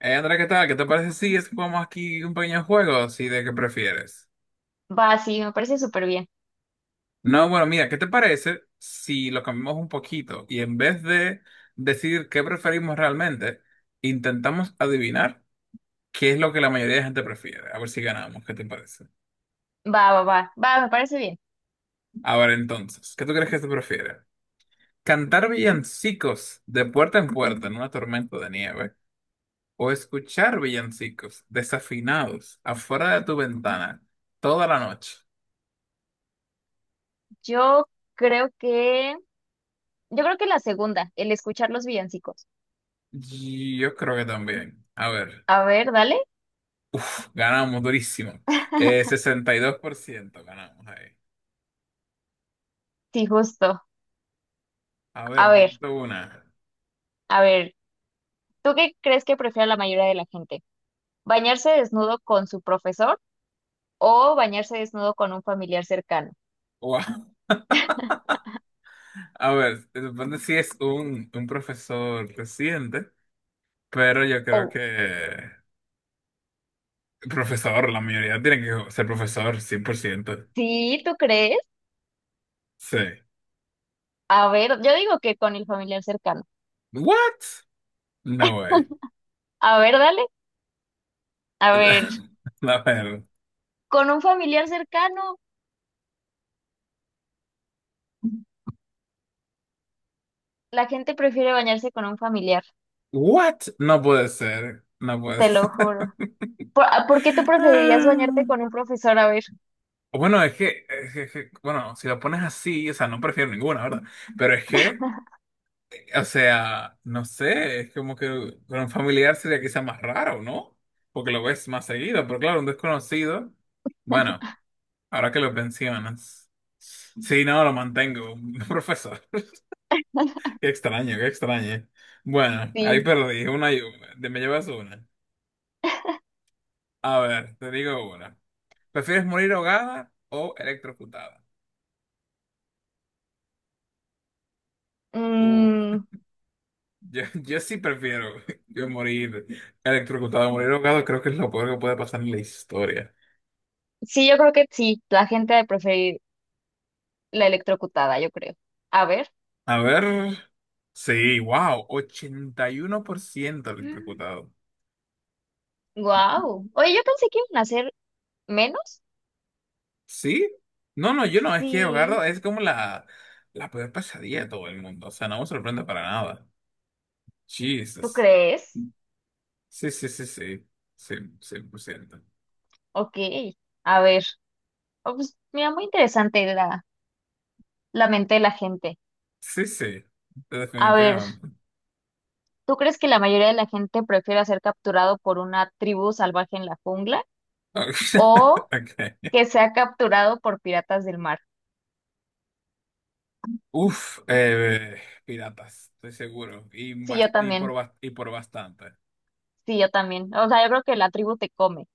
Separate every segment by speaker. Speaker 1: Andrea, ¿qué tal? ¿Qué te parece si es que jugamos aquí un pequeño juego así de qué prefieres?
Speaker 2: Va, sí, me parece súper bien.
Speaker 1: No, bueno, mira, ¿qué te parece si lo cambiamos un poquito y en vez de decir qué preferimos realmente, intentamos adivinar qué es lo que la mayoría de gente prefiere? A ver si ganamos, ¿qué te parece?
Speaker 2: Va, va, va, va, me parece bien.
Speaker 1: A ver, entonces, ¿qué tú crees que se prefiere? ¿Cantar villancicos de puerta en puerta en una tormenta de nieve o escuchar villancicos desafinados afuera de tu ventana toda la noche?
Speaker 2: Yo creo que, yo creo que la segunda, el escuchar los villancicos.
Speaker 1: Yo creo que también. A ver,
Speaker 2: A ver, dale.
Speaker 1: ganamos durísimo. 62% ganamos ahí.
Speaker 2: Sí, justo.
Speaker 1: A ver,
Speaker 2: A ver,
Speaker 1: dime tú una.
Speaker 2: a ver, ¿tú qué crees que prefiere la mayoría de la gente? ¿Bañarse desnudo con su profesor o bañarse desnudo con un familiar cercano?
Speaker 1: Wow. A ver, se supone si es un profesor reciente, pero yo creo
Speaker 2: Oh,
Speaker 1: que profesor, la mayoría tiene que ser profesor, 100%.
Speaker 2: sí, ¿tú crees?
Speaker 1: Sí.
Speaker 2: A ver, yo digo que con el familiar cercano.
Speaker 1: What? No way.
Speaker 2: A ver, dale. A ver,
Speaker 1: A ver.
Speaker 2: con un familiar cercano, la gente prefiere bañarse con un familiar,
Speaker 1: What? No puede ser. No puede
Speaker 2: te lo
Speaker 1: ser.
Speaker 2: juro. ¿A por qué tú preferirías bañarte con un profesor? A ver,
Speaker 1: Bueno, es que, bueno, si lo pones así, o sea, no prefiero ninguna, ¿verdad? Pero es que, o sea, no sé, es como que con un familiar sería quizá más raro, ¿no? Porque lo ves más seguido, pero claro, un desconocido, bueno, ahora que lo mencionas. Sí, no, lo mantengo, profesor. Qué extraño, qué extraño. Bueno, ahí
Speaker 2: sí.
Speaker 1: perdí, una y una. Me llevas una. A ver, te digo una. ¿Prefieres morir ahogada o electrocutada? Uh,
Speaker 2: Mm,
Speaker 1: yo sí prefiero yo morir electrocutado, morir ahogado, creo que es lo peor que puede pasar en la historia.
Speaker 2: sí, yo creo que sí. La gente de preferir la electrocutada, yo creo. A ver.
Speaker 1: A ver, sí, wow, 81% electrocutado.
Speaker 2: Wow. Oye, yo pensé que iban a ser menos.
Speaker 1: ¿Sí? No, no, yo no, es que ahogado
Speaker 2: Sí.
Speaker 1: es como la peor pesadilla de todo el mundo, o sea, no me sorprende para nada.
Speaker 2: ¿Tú
Speaker 1: Jesus.
Speaker 2: crees?
Speaker 1: Sí, sí, sí, sí, sí, 100%.
Speaker 2: Ok. A ver. Oh, pues, mira, muy interesante la mente de la gente.
Speaker 1: Sí, sí,
Speaker 2: A ver,
Speaker 1: definitivamente.
Speaker 2: ¿tú crees que la mayoría de la gente prefiere ser capturado por una tribu salvaje en la jungla o
Speaker 1: Ok.
Speaker 2: que sea capturado por piratas del mar?
Speaker 1: Uf, piratas, estoy seguro. Y,
Speaker 2: Sí,
Speaker 1: bas-
Speaker 2: yo
Speaker 1: y, por,
Speaker 2: también.
Speaker 1: bas- y por bastante.
Speaker 2: Sí, yo también. O sea, yo creo que la tribu te come.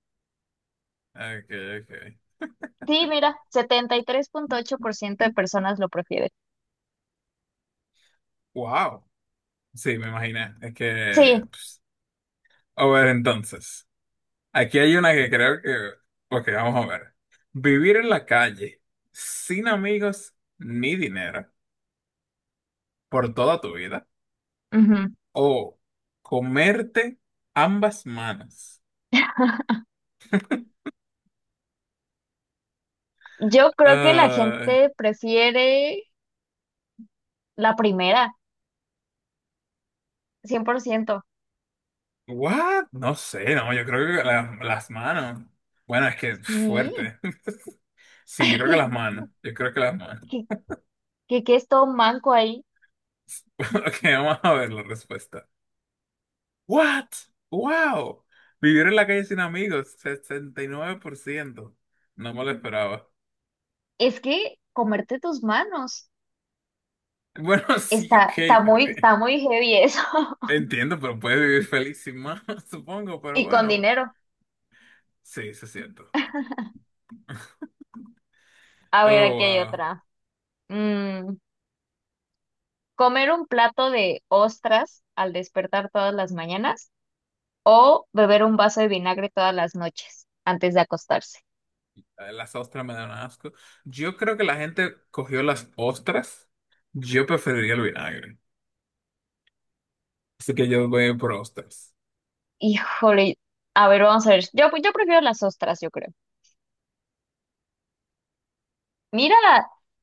Speaker 1: Okay, okay.
Speaker 2: Sí, mira, 73.8% de personas lo prefieren.
Speaker 1: Wow. Sí, me imaginé. Es
Speaker 2: Sí,
Speaker 1: que, pues, a ver, entonces. Aquí hay una que creo que. Ok, vamos a ver. Vivir en la calle, sin amigos ni dinero, por toda tu vida.
Speaker 2: ujú.
Speaker 1: O comerte ambas manos.
Speaker 2: Yo creo que la
Speaker 1: Ah,
Speaker 2: gente prefiere la primera, 100%.
Speaker 1: what? No sé, no, yo creo que las manos. Bueno, es que
Speaker 2: Sí.
Speaker 1: fuerte. Sí, yo creo que las manos. Yo creo que las manos.
Speaker 2: ¿Qué, qué es todo manco ahí?
Speaker 1: Ok, vamos a ver la respuesta. What? Wow. Vivir en la calle sin amigos, 69%. No me lo esperaba.
Speaker 2: Es que comerte tus manos
Speaker 1: Bueno, sí, ok.
Speaker 2: está muy heavy eso.
Speaker 1: Entiendo, pero puedes vivir feliz sin más, supongo, pero
Speaker 2: Y con
Speaker 1: bueno.
Speaker 2: dinero.
Speaker 1: Sí, se siento.
Speaker 2: A ver,
Speaker 1: Oh,
Speaker 2: aquí hay
Speaker 1: wow.
Speaker 2: otra. Mm, Comer un plato de ostras al despertar todas las mañanas o beber un vaso de vinagre todas las noches antes de acostarse.
Speaker 1: Las ostras me dan asco. Yo creo que la gente cogió las ostras. Yo preferiría el vinagre. Así que yo voy por ostras.
Speaker 2: Híjole, a ver, vamos a ver. Yo prefiero las ostras, yo creo. Mira,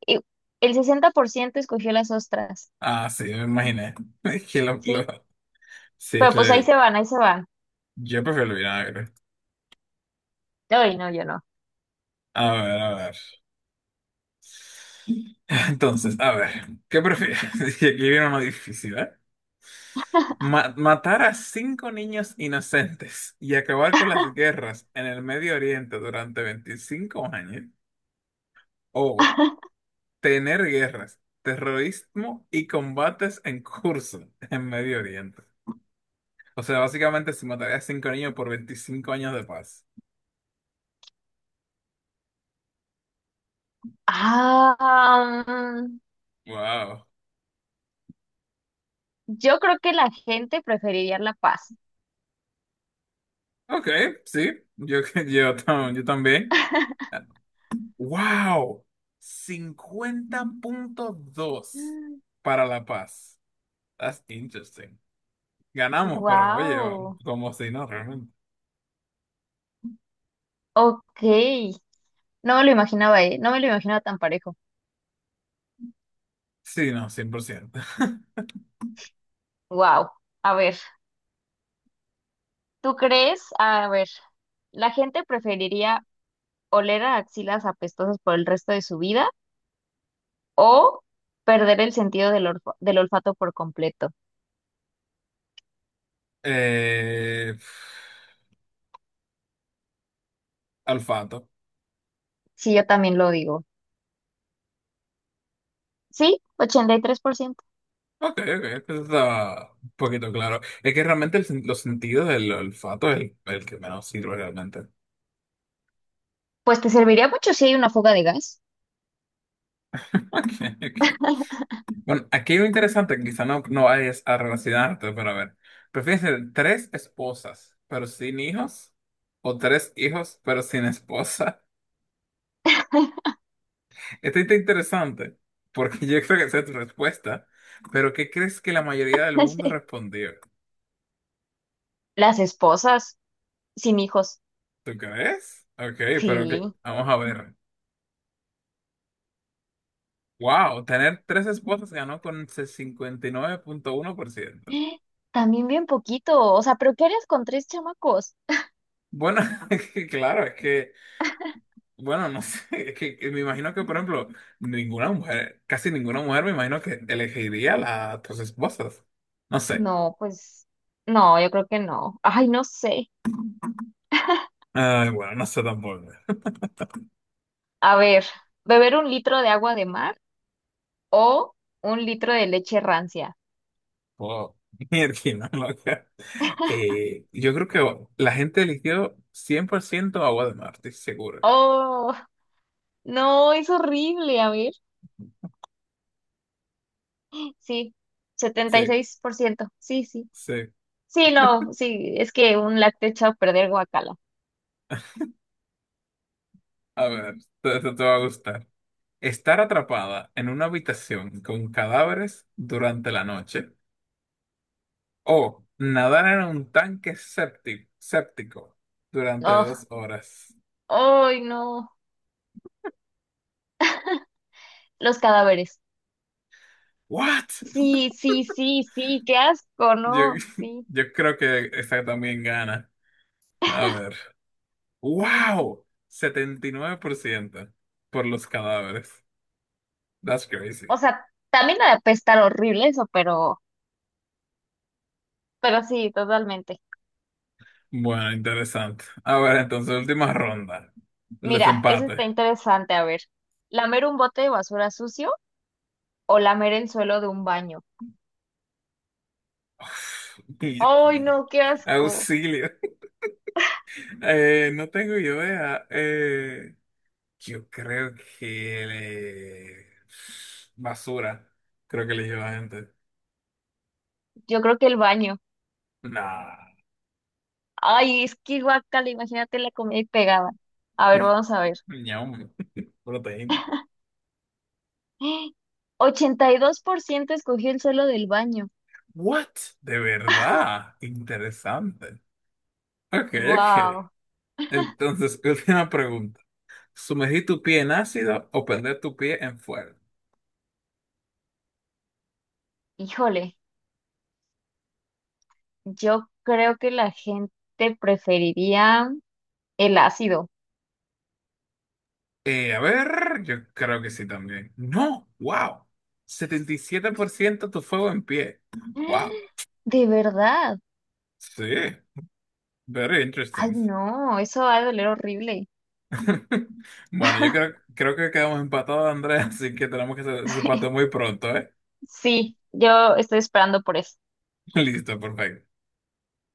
Speaker 2: y- el 60% escogió las ostras,
Speaker 1: Ah, sí, me imaginé. Es que
Speaker 2: sí.
Speaker 1: sí, es
Speaker 2: Pero pues ahí
Speaker 1: que
Speaker 2: se van, ahí se van.
Speaker 1: yo prefiero el vinagre.
Speaker 2: Ay, no, yo no.
Speaker 1: A ver, a ver. Entonces, a ver, ¿qué prefieres? Y aquí viene una difícil, ¿eh? Matar a cinco niños inocentes y acabar con las guerras en el Medio Oriente durante 25 años. O tener guerras, terrorismo y combates en curso en Medio Oriente. O sea, básicamente se mataría a cinco niños por 25 años de paz.
Speaker 2: Ah, mm,
Speaker 1: Wow.
Speaker 2: yo creo que la gente preferiría la paz.
Speaker 1: Ok, sí, yo, yo también. Wow. 50,2 para la paz. That's interesting. Ganamos, pero oye,
Speaker 2: Wow.
Speaker 1: como si no, realmente.
Speaker 2: Ok. No me lo imaginaba, ¿eh? No me lo imaginaba tan parejo.
Speaker 1: Sí, no, 100%.
Speaker 2: Wow. A ver. ¿Tú crees? A ver, ¿la gente preferiría oler a axilas apestosas por el resto de su vida o perder el sentido del olfato por completo?
Speaker 1: Eh, olfato.
Speaker 2: Sí, yo también lo digo. Sí, 83%.
Speaker 1: Ok, ok, eso está un poquito claro. Es que realmente los sentidos del olfato es el que menos sirve realmente.
Speaker 2: Pues te serviría mucho si hay una fuga de gas.
Speaker 1: Ok, ok. Bueno, aquí hay lo interesante, que quizá no, no vayas a relacionarte, pero a ver. ¿Prefieres tener tres esposas, pero sin hijos? ¿O tres hijos, pero sin esposa? Esto está interesante, porque yo creo que esa es tu respuesta. Pero ¿qué crees que la mayoría del mundo respondió?
Speaker 2: Las esposas, sin hijos.
Speaker 1: ¿Tú crees? Ok, pero
Speaker 2: Sí.
Speaker 1: vamos a ver. Wow, tener tres esposas ganó con 59,1%.
Speaker 2: También bien poquito. O sea, ¿pero qué harías con tres chamacos?
Speaker 1: Bueno, es que claro, es que, bueno, no sé, es que me imagino que, por ejemplo, ninguna mujer, casi ninguna mujer, me imagino que elegiría las tres esposas. No sé.
Speaker 2: No, pues no, yo creo que no. Ay, no sé.
Speaker 1: Ay, bueno, no sé tampoco.
Speaker 2: A ver, beber un litro de agua de mar o un litro de leche rancia.
Speaker 1: Wow. Mierda, loca. Yo creo que la gente eligió 100% agua de mar, estoy seguro.
Speaker 2: Oh, no, es horrible, a ver. Sí, setenta y
Speaker 1: Sí,
Speaker 2: seis por ciento Sí, sí.
Speaker 1: sí.
Speaker 2: Sí, no, sí, es que un lácteo echado a perder guacala.
Speaker 1: A ver, te va a gustar. Estar atrapada en una habitación con cadáveres durante la noche o nadar en un tanque séptico durante
Speaker 2: Oh,
Speaker 1: 2 horas.
Speaker 2: ay, no. Los cadáveres.
Speaker 1: ¿What?
Speaker 2: Sí, sí, sí, sí, qué asco,
Speaker 1: Yo,
Speaker 2: ¿no? Sí.
Speaker 1: yo creo que esa también gana. A ver. ¡Wow! 79% por ciento por los cadáveres. That's crazy.
Speaker 2: O sea, también ha de apestar horrible eso, pero sí, totalmente.
Speaker 1: Bueno, interesante. A ver, entonces, última ronda. El
Speaker 2: Mira, eso
Speaker 1: desempate.
Speaker 2: está interesante, a ver. ¿Lamer un bote de basura sucio o lamer el suelo de un baño?
Speaker 1: Uf,
Speaker 2: Ay,
Speaker 1: mierda.
Speaker 2: no, qué asco.
Speaker 1: Auxilio. No tengo idea. Yo creo que eh, basura. Creo que eligió la gente.
Speaker 2: Yo creo que el baño.
Speaker 1: Nah.
Speaker 2: Ay, es que guácala, imagínate la comida y pegada. A ver, vamos a ver.
Speaker 1: Ñam, proteína.
Speaker 2: ¡Ah! 82% escogió el suelo del baño.
Speaker 1: What? De verdad. Interesante. Ok, ok.
Speaker 2: Wow.
Speaker 1: Entonces, última pregunta. ¿Sumergir tu pie en ácido o prender tu pie en fuego?
Speaker 2: Híjole, yo creo que la gente preferiría el ácido.
Speaker 1: A ver, yo creo que sí también. No, wow. 77% tu fuego en pie. Wow.
Speaker 2: ¡Ah! De verdad.
Speaker 1: Sí. Very
Speaker 2: Ay,
Speaker 1: interesting.
Speaker 2: no, eso va a doler horrible.
Speaker 1: Bueno, yo creo, que quedamos empatados, Andrés, así que tenemos que hacer ese empate muy pronto, ¿eh?
Speaker 2: Sí, yo estoy esperando por eso.
Speaker 1: Listo, perfecto.